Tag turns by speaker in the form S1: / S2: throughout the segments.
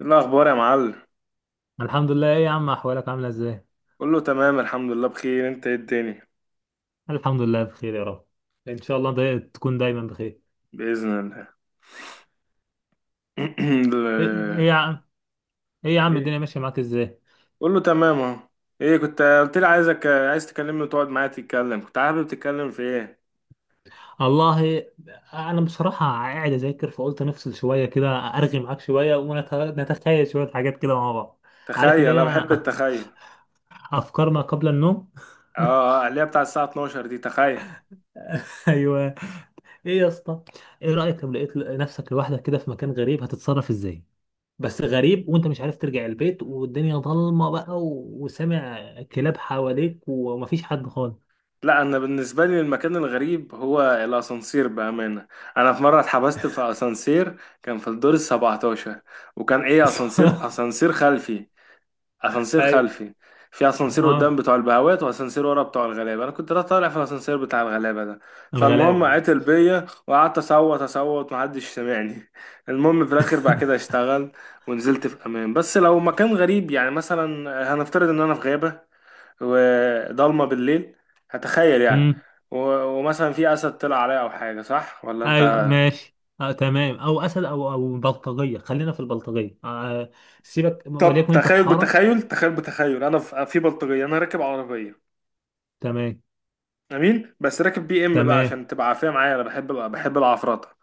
S1: إيه الأخبار يا معلم؟
S2: الحمد لله. ايه يا عم، احوالك عامله ازاي؟
S1: كله تمام، الحمد لله بخير. أنت إيه الدنيا؟
S2: الحمد لله بخير يا رب. ان شاء الله تكون دايما بخير.
S1: بإذن الله.
S2: ايه
S1: ال-
S2: إيه يا عم، ايه يا عم
S1: إيه،
S2: الدنيا ماشيه معاك ازاي؟
S1: كله تمام أهو. إيه، كنت قلت لي عايز تكلمني وتقعد معايا تتكلم، كنت حابب تتكلم في إيه؟
S2: والله انا بصراحه قاعد اذاكر، فقلت نفصل شويه كده ارغي معاك شويه ونتخيل شويه حاجات كده مع بعض. عارف
S1: تخيل،
S2: اللي
S1: أنا
S2: هي
S1: بحب التخيل.
S2: افكار ما قبل النوم.
S1: آه، آه، اللي هي بتاع الساعة 12 دي، تخيل.
S2: ايوه، ايه يا اسطى، ايه رايك لو لقيت نفسك لوحدك كده في مكان غريب هتتصرف ازاي؟ بس غريب وانت مش عارف ترجع البيت والدنيا ضلمه بقى وسامع كلاب حواليك ومفيش حد خالص.
S1: لا، أنا بالنسبة لي المكان الغريب هو الأسانسير بأمانة. أنا في مرة اتحبست في أسانسير، كان في الدور السبعتاشر، وكان أسانسير، أسانسير خلفي. اسانسير
S2: ايوه.
S1: خلفي. في اسانسير قدام
S2: اه،
S1: بتوع البهوات، واسانسير ورا بتوع الغلابه. انا كنت طالع في الاسانسير بتاع الغلابه ده، فالمهم
S2: الغلابه اه.
S1: عتل بيا، وقعدت اصوت اصوت، محدش سامعني. المهم في الاخر بعد كده اشتغل، ونزلت في امان. بس لو مكان غريب، يعني مثلا هنفترض ان انا في غابه وضلمه بالليل، هتخيل يعني.
S2: امم.
S1: و- ومثلا في اسد طلع عليا او حاجه، صح ولا انت؟
S2: ايوه ماشي، آه تمام، او اسد او بلطجيه، خلينا في البلطجيه آه. سيبك،
S1: طب
S2: وليكن انت في
S1: تخيل،
S2: حاره.
S1: بتخيل، انا في بلطجيه، انا راكب عربيه،
S2: تمام.
S1: امين، بس راكب بي ام بقى
S2: تمام
S1: عشان تبقى عافيه معايا، انا بحب العفرطه.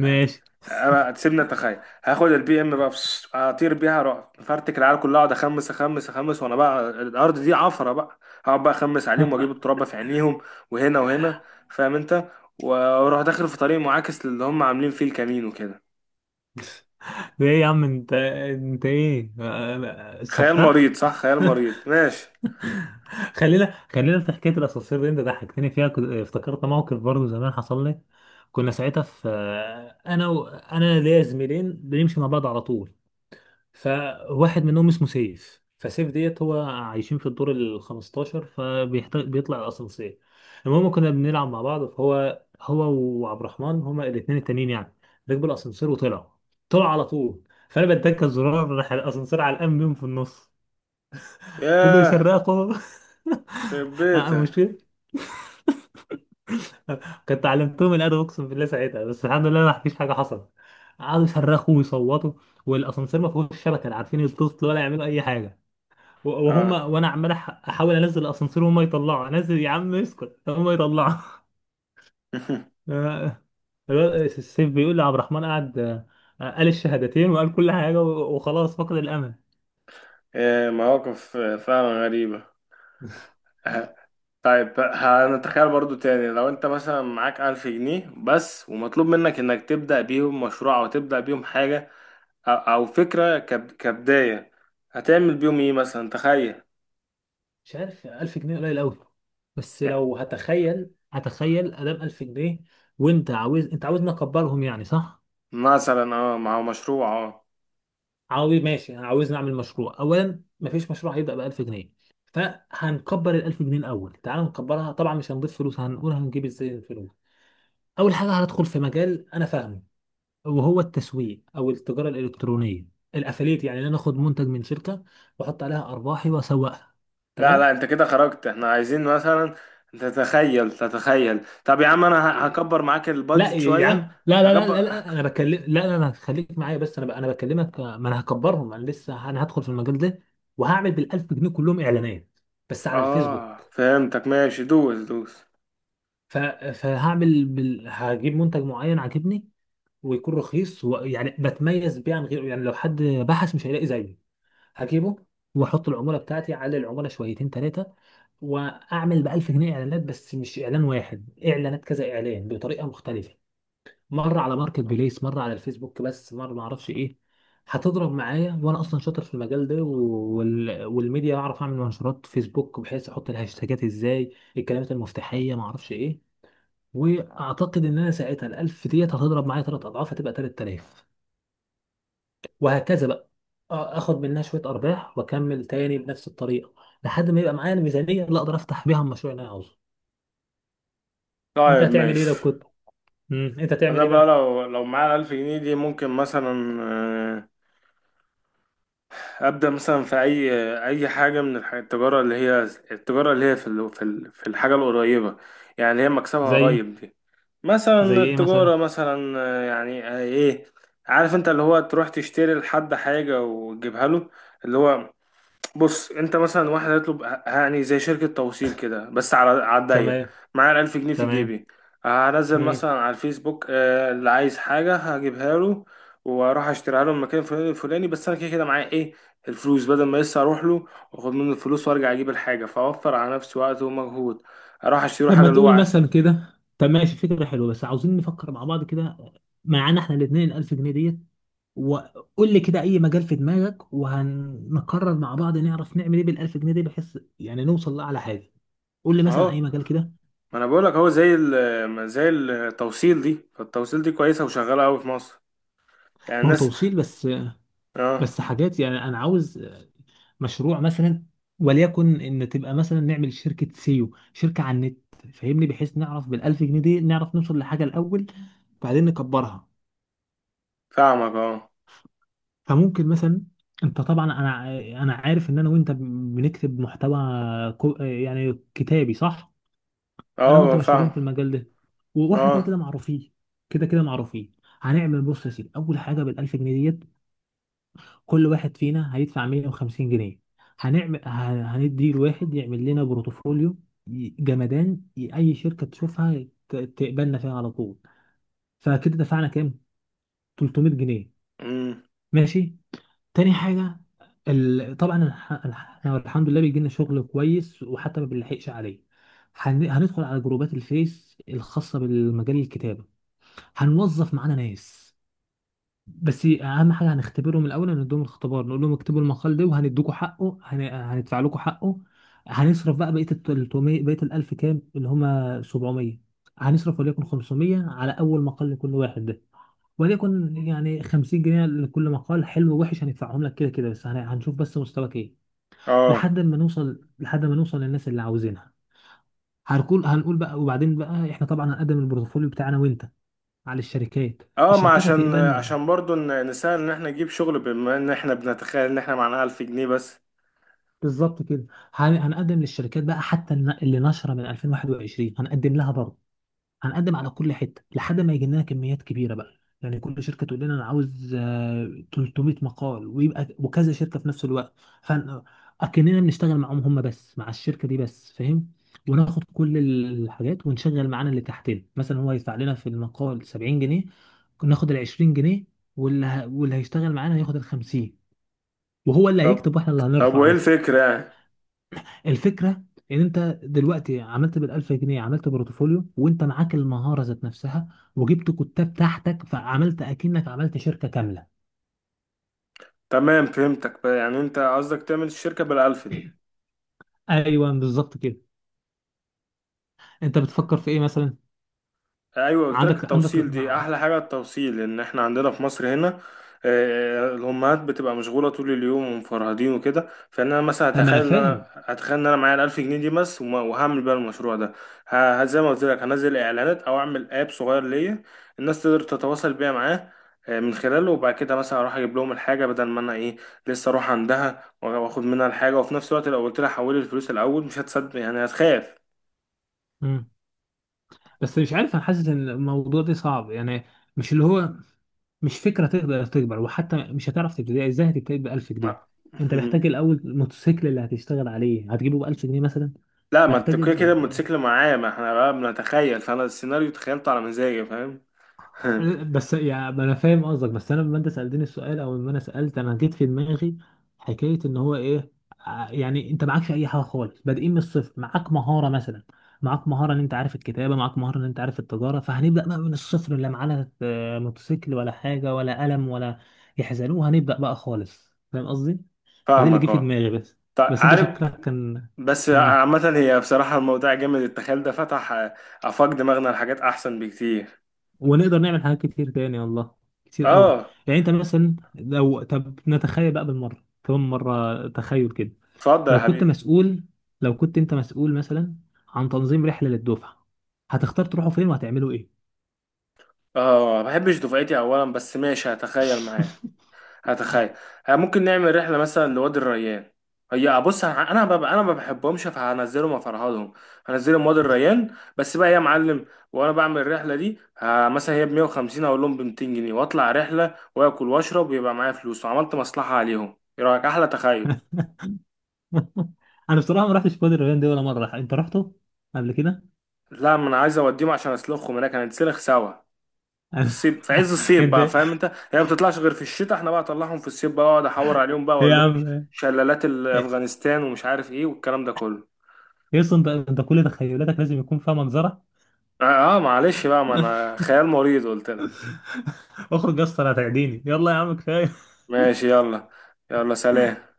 S1: ها، انا تسيبني اتخيل، هاخد البي ام بقى، بس اطير بيها اروح فرتك العيال كلها، اقعد اخمس اخمس اخمس، وانا بقى الارض دي عفره بقى. هقعد بقى اخمس عليهم واجيب التراب في عينيهم، وهنا وهنا، فاهم انت؟ واروح داخل في طريق معاكس للي هم عاملين فيه الكمين وكده.
S2: ده ايه يا عم، انت ايه، آه،
S1: خيال مريض،
S2: سفاح.
S1: صح؟ خيال مريض، ماشي.
S2: خلينا في حكايه الاسانسير دي، انت ضحكتني فيها. افتكرت موقف برضه زمان حصل لي. كنا ساعتها في، انا ليا زميلين بنمشي مع بعض على طول. فواحد منهم اسمه سيف، فسيف ديت هو عايشين في الدور ال 15 فبيطلع الاسانسير. المهم كنا بنلعب مع بعض، فهو وعبد الرحمن هما الاثنين التانيين يعني. ركبوا الاسانسير وطلعوا، طلعوا على طول. فانا بدك الزرار، راح الاسانسير على الام بيهم في النص. فضلوا
S1: ياه،
S2: يسرقوا.
S1: خرب بيتك.
S2: المشكلة كنت علمتهم الادب اقسم بالله ساعتها، بس الحمد لله ما فيش حاجه حصلت. قعدوا يصرخوا ويصوتوا، والاسانسير ما فيهوش شبكه، لا عارفين يتصلوا ولا يعملوا اي حاجه. وهم
S1: اه.
S2: وانا عمال احاول انزل الاسانسير وهم يطلعوا، انزل يا عم اسكت، هم يطلعوا. آه، الواد السيف بيقول لي عبد الرحمن قعد، آه، قال الشهادتين وقال كل حاجه وخلاص فقد الامل.
S1: إيه، مواقف فعلا غريبه. طيب، هنتخيل برضو تاني، لو انت مثلا معاك 1000 جنيه بس، ومطلوب منك انك تبدأ بيهم مشروع او تبدأ بيهم حاجة، أو فكرة كبداية، هتعمل بيهم ايه مثلا؟ تخيل.
S2: مش عارف، 1000 جنيه قليل قوي. بس
S1: يعني
S2: لو هتخيل، هتخيل ادام 1000 جنيه، وانت عاوز، انت عاوزني اكبرهم يعني صح؟
S1: مثلا اه، مع مشروع، اه.
S2: عاوز ماشي، عاوز نعمل مشروع. اولا مفيش مشروع هيبدا ب 1000 جنيه، فهنكبر ال 1000 جنيه الاول. تعال نكبرها. طبعا مش هنضيف فلوس، هنقول هنجيب ازاي الفلوس. اول حاجه هندخل في مجال انا فاهمه، وهو التسويق او التجاره الالكترونيه، الافليت. يعني ان انا اخد منتج من شركه واحط عليها ارباحي واسوقها.
S1: لا لا،
S2: تمام.
S1: انت كده خرجت، احنا عايزين مثلا تتخيل تتخيل. طب يا عم، انا
S2: إيه،
S1: هكبر معاك
S2: لا
S1: البادجت
S2: يا عم،
S1: شوية.
S2: لا لا لا لا,
S1: هكبر
S2: لا
S1: هك-
S2: انا بكلم، لا خليك معايا، انا بكلمك آه، ما انا هكبرهم، انا لسه انا هدخل في المجال ده. وهعمل بال 1000 جنيه كلهم اعلانات، بس على
S1: اه،
S2: الفيسبوك.
S1: فهمتك. ماشي، دوس دوس.
S2: ف- فهعمل هجيب منتج معين عاجبني ويكون رخيص ويعني بتميز بيه عن غيره، يعني لو حد بحث مش هيلاقي زيه. هجيبه واحط العموله بتاعتي على العموله شويتين ثلاثه، واعمل ب 1000 جنيه اعلانات، بس مش اعلان واحد، اعلانات كذا اعلان بطريقه مختلفه. مره على ماركت بليس، مره على الفيسبوك بس، مره ما اعرفش ايه. هتضرب معايا، وانا اصلا شاطر في المجال ده والميديا، بعرف اعمل منشورات فيسبوك بحيث احط الهاشتاجات ازاي، الكلمات المفتاحيه ما اعرفش ايه. واعتقد ان انا ساعتها ال 1000 ديت هتضرب معايا ثلاث اضعاف، هتبقى 3000، وهكذا بقى. آه، اخد منها شويه ارباح واكمل تاني بنفس الطريقه، لحد ما يبقى معايا الميزانيه اللي اقدر افتح بيها المشروع اللي انا عاوزه. انت
S1: طيب،
S2: هتعمل ايه لو
S1: ماشي،
S2: كنت، امم، انت هتعمل
S1: انا
S2: ايه
S1: بقى
S2: بقى؟
S1: لو معايا 1000 جنيه دي، ممكن مثلا آه، ابدا مثلا في اي حاجه من التجاره اللي هي، التجاره اللي هي في الحاجه القريبه، يعني اللي هي مكسبها
S2: زي؟
S1: قريب دي.
S2: زي
S1: مثلا
S2: ايه
S1: التجاره
S2: مثلا؟
S1: مثلا آه، يعني آه، ايه. عارف انت اللي هو تروح تشتري لحد حاجه وتجيبها له، اللي هو، بص انت مثلا واحد هيطلب، يعني زي شركة توصيل كده، بس على الضيق.
S2: تمام.
S1: معايا ال1000 جنيه في
S2: تمام.
S1: جيبي، هنزل
S2: امم.
S1: مثلا على الفيسبوك آه، اللي عايز حاجة هجيبها له، وأروح أشتريها له من مكان فلاني الفلاني، بس أنا كده كده معايا إيه الفلوس، بدل ما لسه أروح له وأخد منه الفلوس وأرجع أجيب الحاجة، فأوفر على نفسي وقت ومجهود، أروح أشتري له
S2: طب ما
S1: حاجة اللي هو
S2: تقول
S1: عايزها.
S2: مثلا كده، طب ماشي فكره حلوه، بس عاوزين نفكر مع بعض كده. معانا احنا الاثنين 1000 جنيه ديت، وقول لي كده اي مجال في دماغك، وهنقرر مع بعض نعرف نعمل ايه بالالف جنيه دي بحيث يعني نوصل لاعلى حاجه. قول لي مثلا اي
S1: أهو،
S2: مجال كده.
S1: ما أنا بقولك أهو زي زي التوصيل دي، فالتوصيل دي كويسة وشغالة أوي في مصر، يعني
S2: ما هو
S1: الناس.
S2: توصيل بس،
S1: أه،
S2: بس حاجات يعني انا عاوز مشروع مثلا، وليكن ان تبقى مثلا نعمل شركه سيو، شركه على النت، فاهمني، بحيث نعرف بالالف جنيه دي نعرف نوصل لحاجه الاول بعدين نكبرها.
S1: فاهمك. أه،
S2: فممكن مثلا، انت طبعا، انا عارف ان انا وانت بنكتب محتوى يعني كتابي صح. انا وانت
S1: أه،
S2: مشهورين
S1: فاهم.
S2: في المجال ده، واحنا كده
S1: اه.
S2: كده معروفين، كده كده معروفين. هنعمل، بص يا سيدي، اول حاجه بالالف جنيه ديت كل واحد فينا هيدفع 150 جنيه. هنعمل هندي الواحد يعمل لنا بروتوفوليو جمدان، اي شركه تشوفها تقبلنا فيها على طول. فكده دفعنا كام؟ 300 جنيه.
S1: امم.
S2: ماشي. تاني حاجه طبعا احنا الحمد لله بيجي لنا شغل كويس وحتى ما بنلحقش عليه. هندخل على جروبات الفيس الخاصه بالمجال الكتابه، هنوظف معانا ناس، بس اهم حاجه هنختبرهم الاول. هنديهم الاختبار، نقول لهم اكتبوا المقال ده وهندوكوا حقه، هندفع لكم حقه. هنصرف بقى بقيه ال 300، بقيه ال 1000 كام اللي هم؟ 700. هنصرف وليكن 500 على اول مقال لكل واحد ده، وليكن يعني 50 جنيه لكل مقال، حلو ووحش هندفعهم لك كده كده، بس هنشوف بس مستواك ايه
S1: اه.
S2: لحد ما نوصل، لحد ما نوصل للناس اللي عاوزينها. هنقول بقى، وبعدين بقى احنا طبعا هنقدم البورتفوليو بتاعنا وانت على الشركات.
S1: اه، ما
S2: الشركات
S1: عشان
S2: هتقبل
S1: عشان برضو نسهل ان احنا نجيب شغل، بما ان احنا بنتخيل ان احنا معانا 1000 جنيه بس.
S2: بالظبط كده. هنقدم للشركات بقى، حتى اللي نشره من 2021 هنقدم لها برضه. هنقدم على كل حته لحد ما يجي لنا كميات كبيره بقى. يعني كل شركه تقول لنا انا عاوز آه، 300 مقال، ويبقى وكذا شركه في نفس الوقت، فاكننا بنشتغل معاهم هم بس، مع الشركه دي بس، فاهم؟ وناخد كل الحاجات ونشغل معانا اللي تحتنا. مثلا هو يدفع لنا في المقال 70 جنيه، ناخد ال 20 جنيه، واللي هيشتغل معانا هياخد ال 50، وهو اللي
S1: طب
S2: هيكتب واحنا اللي
S1: طب
S2: هنرفع
S1: وايه
S2: بس.
S1: الفكرة يعني؟
S2: الفكره ان انت دلوقتي عملت بال1000 جنيه عملت بورتفوليو، وانت معاك المهاره ذات نفسها، وجبت كتاب تحتك، فعملت اكنك عملت شركه كامله.
S1: تمام، فهمتك بقى، يعني انت قصدك تعمل الشركة بالألف دي.
S2: ايوه بالظبط كده. انت بتفكر في ايه مثلا؟
S1: ايوه، قلت لك
S2: عندك
S1: التوصيل دي احلى حاجه. التوصيل، ان احنا عندنا في مصر هنا آه، الامهات بتبقى مشغوله طول اليوم ومفرهدين وكده، فان انا مثلا
S2: طب ما انا فاهم.
S1: هتخيل ان انا معايا ال1000 جنيه دي بس، وهعمل بيها المشروع ده. زي ما قلت لك، هنزل اعلانات او اعمل اب صغير ليا، الناس تقدر تتواصل بيها معاه آه، من خلاله، وبعد كده مثلا اروح اجيب لهم الحاجه، بدل ما انا ايه، لسه اروح عندها واخد منها الحاجه، وفي نفس الوقت لو قلت لها حولي الفلوس الاول مش هتصدق، يعني هتخاف.
S2: مم. بس مش عارف، انا حاسس ان الموضوع ده صعب يعني. مش اللي هو، مش فكره تقدر تكبر، وحتى مش هتعرف تبتدي ازاي، هتبتدي ب 1000 جنيه؟ انت محتاج الاول الموتوسيكل اللي هتشتغل عليه هتجيبه ب 1000 جنيه مثلا؟
S1: لا، ما انت
S2: محتاج،
S1: كده كده الموتوسيكل معايا، ما احنا بقى بنتخيل، فانا السيناريو تخيلته على مزاجي، فاهم؟
S2: بس يا ما انا فاهم قصدك، بس انا لما انت سالتني السؤال او لما انا سالت انا جيت في دماغي حكايه ان هو ايه، يعني انت معكش اي حاجه خالص، بادئين من الصفر. معاك مهاره مثلا، معاك مهاره ان انت عارف الكتابه، معاك مهاره ان انت عارف التجاره، فهنبدا بقى من الصفر، لا معانا آه، موتوسيكل ولا حاجه ولا قلم ولا يحزنوه، هنبدا بقى خالص. فاهم قصدي؟ فدي اللي
S1: فاهمك
S2: جه في
S1: اه.
S2: دماغي بس.
S1: طيب،
S2: بس انت
S1: عارف،
S2: شكلك كان.
S1: بس عامة هي بصراحة الموضوع جامد، التخيل ده فتح آه، آفاق دماغنا لحاجات أحسن بكتير.
S2: ونقدر نعمل حاجات كتير تاني والله، كتير قوي.
S1: اه.
S2: يعني انت مثلا لو، طب نتخيل بقى بالمره، كمان مره تخيل كده.
S1: اتفضل يا
S2: لو كنت
S1: حبيبي.
S2: مسؤول، لو كنت انت مسؤول مثلا عن تنظيم رحله للدفعه، هتختار تروحوا فين وهتعملوا ايه؟
S1: اه، ما بحبش دفعتي أولا، بس ماشي هتخيل معايا. هتخيل. ها، ممكن نعمل رحلة مثلا لوادي الريان. هي بص، انا ما بحبهمش، فهنزلهم وافرهدهم. هنزلهم وادي الريان بس بقى يا معلم، وانا بعمل الرحلة دي ها، مثلا هي ب 150، اقول لهم ب 200 جنيه، واطلع رحلة واكل واشرب، ويبقى معايا فلوس، وعملت مصلحة عليهم، ايه رأيك؟ احلى تخيل.
S2: انا بصراحه ما رحتش وادي الريان دي ولا مره. انت رحته قبل كده؟
S1: لا، ما انا عايز اوديهم عشان اسلخهم هناك، هنتسلخ سوا. في
S2: أنا-
S1: الصيف، في عز الصيف بقى،
S2: انت
S1: فاهم انت؟ هي ما بتطلعش غير في الشتاء، احنا بقى اطلعهم في الصيف بقى، اقعد احور عليهم بقى
S2: يا
S1: واقول لهم
S2: عم،
S1: شلالات افغانستان ومش عارف ايه والكلام ده كله.
S2: يس، انت كل تخيلاتك لازم يكون فيها منظره.
S1: اه آه، معلش بقى، ما انا خيال مريض قلت لك.
S2: اخرج يا اسطى هتعديني، يلا يا عم كفايه.
S1: ماشي، يلا. يلا سلام.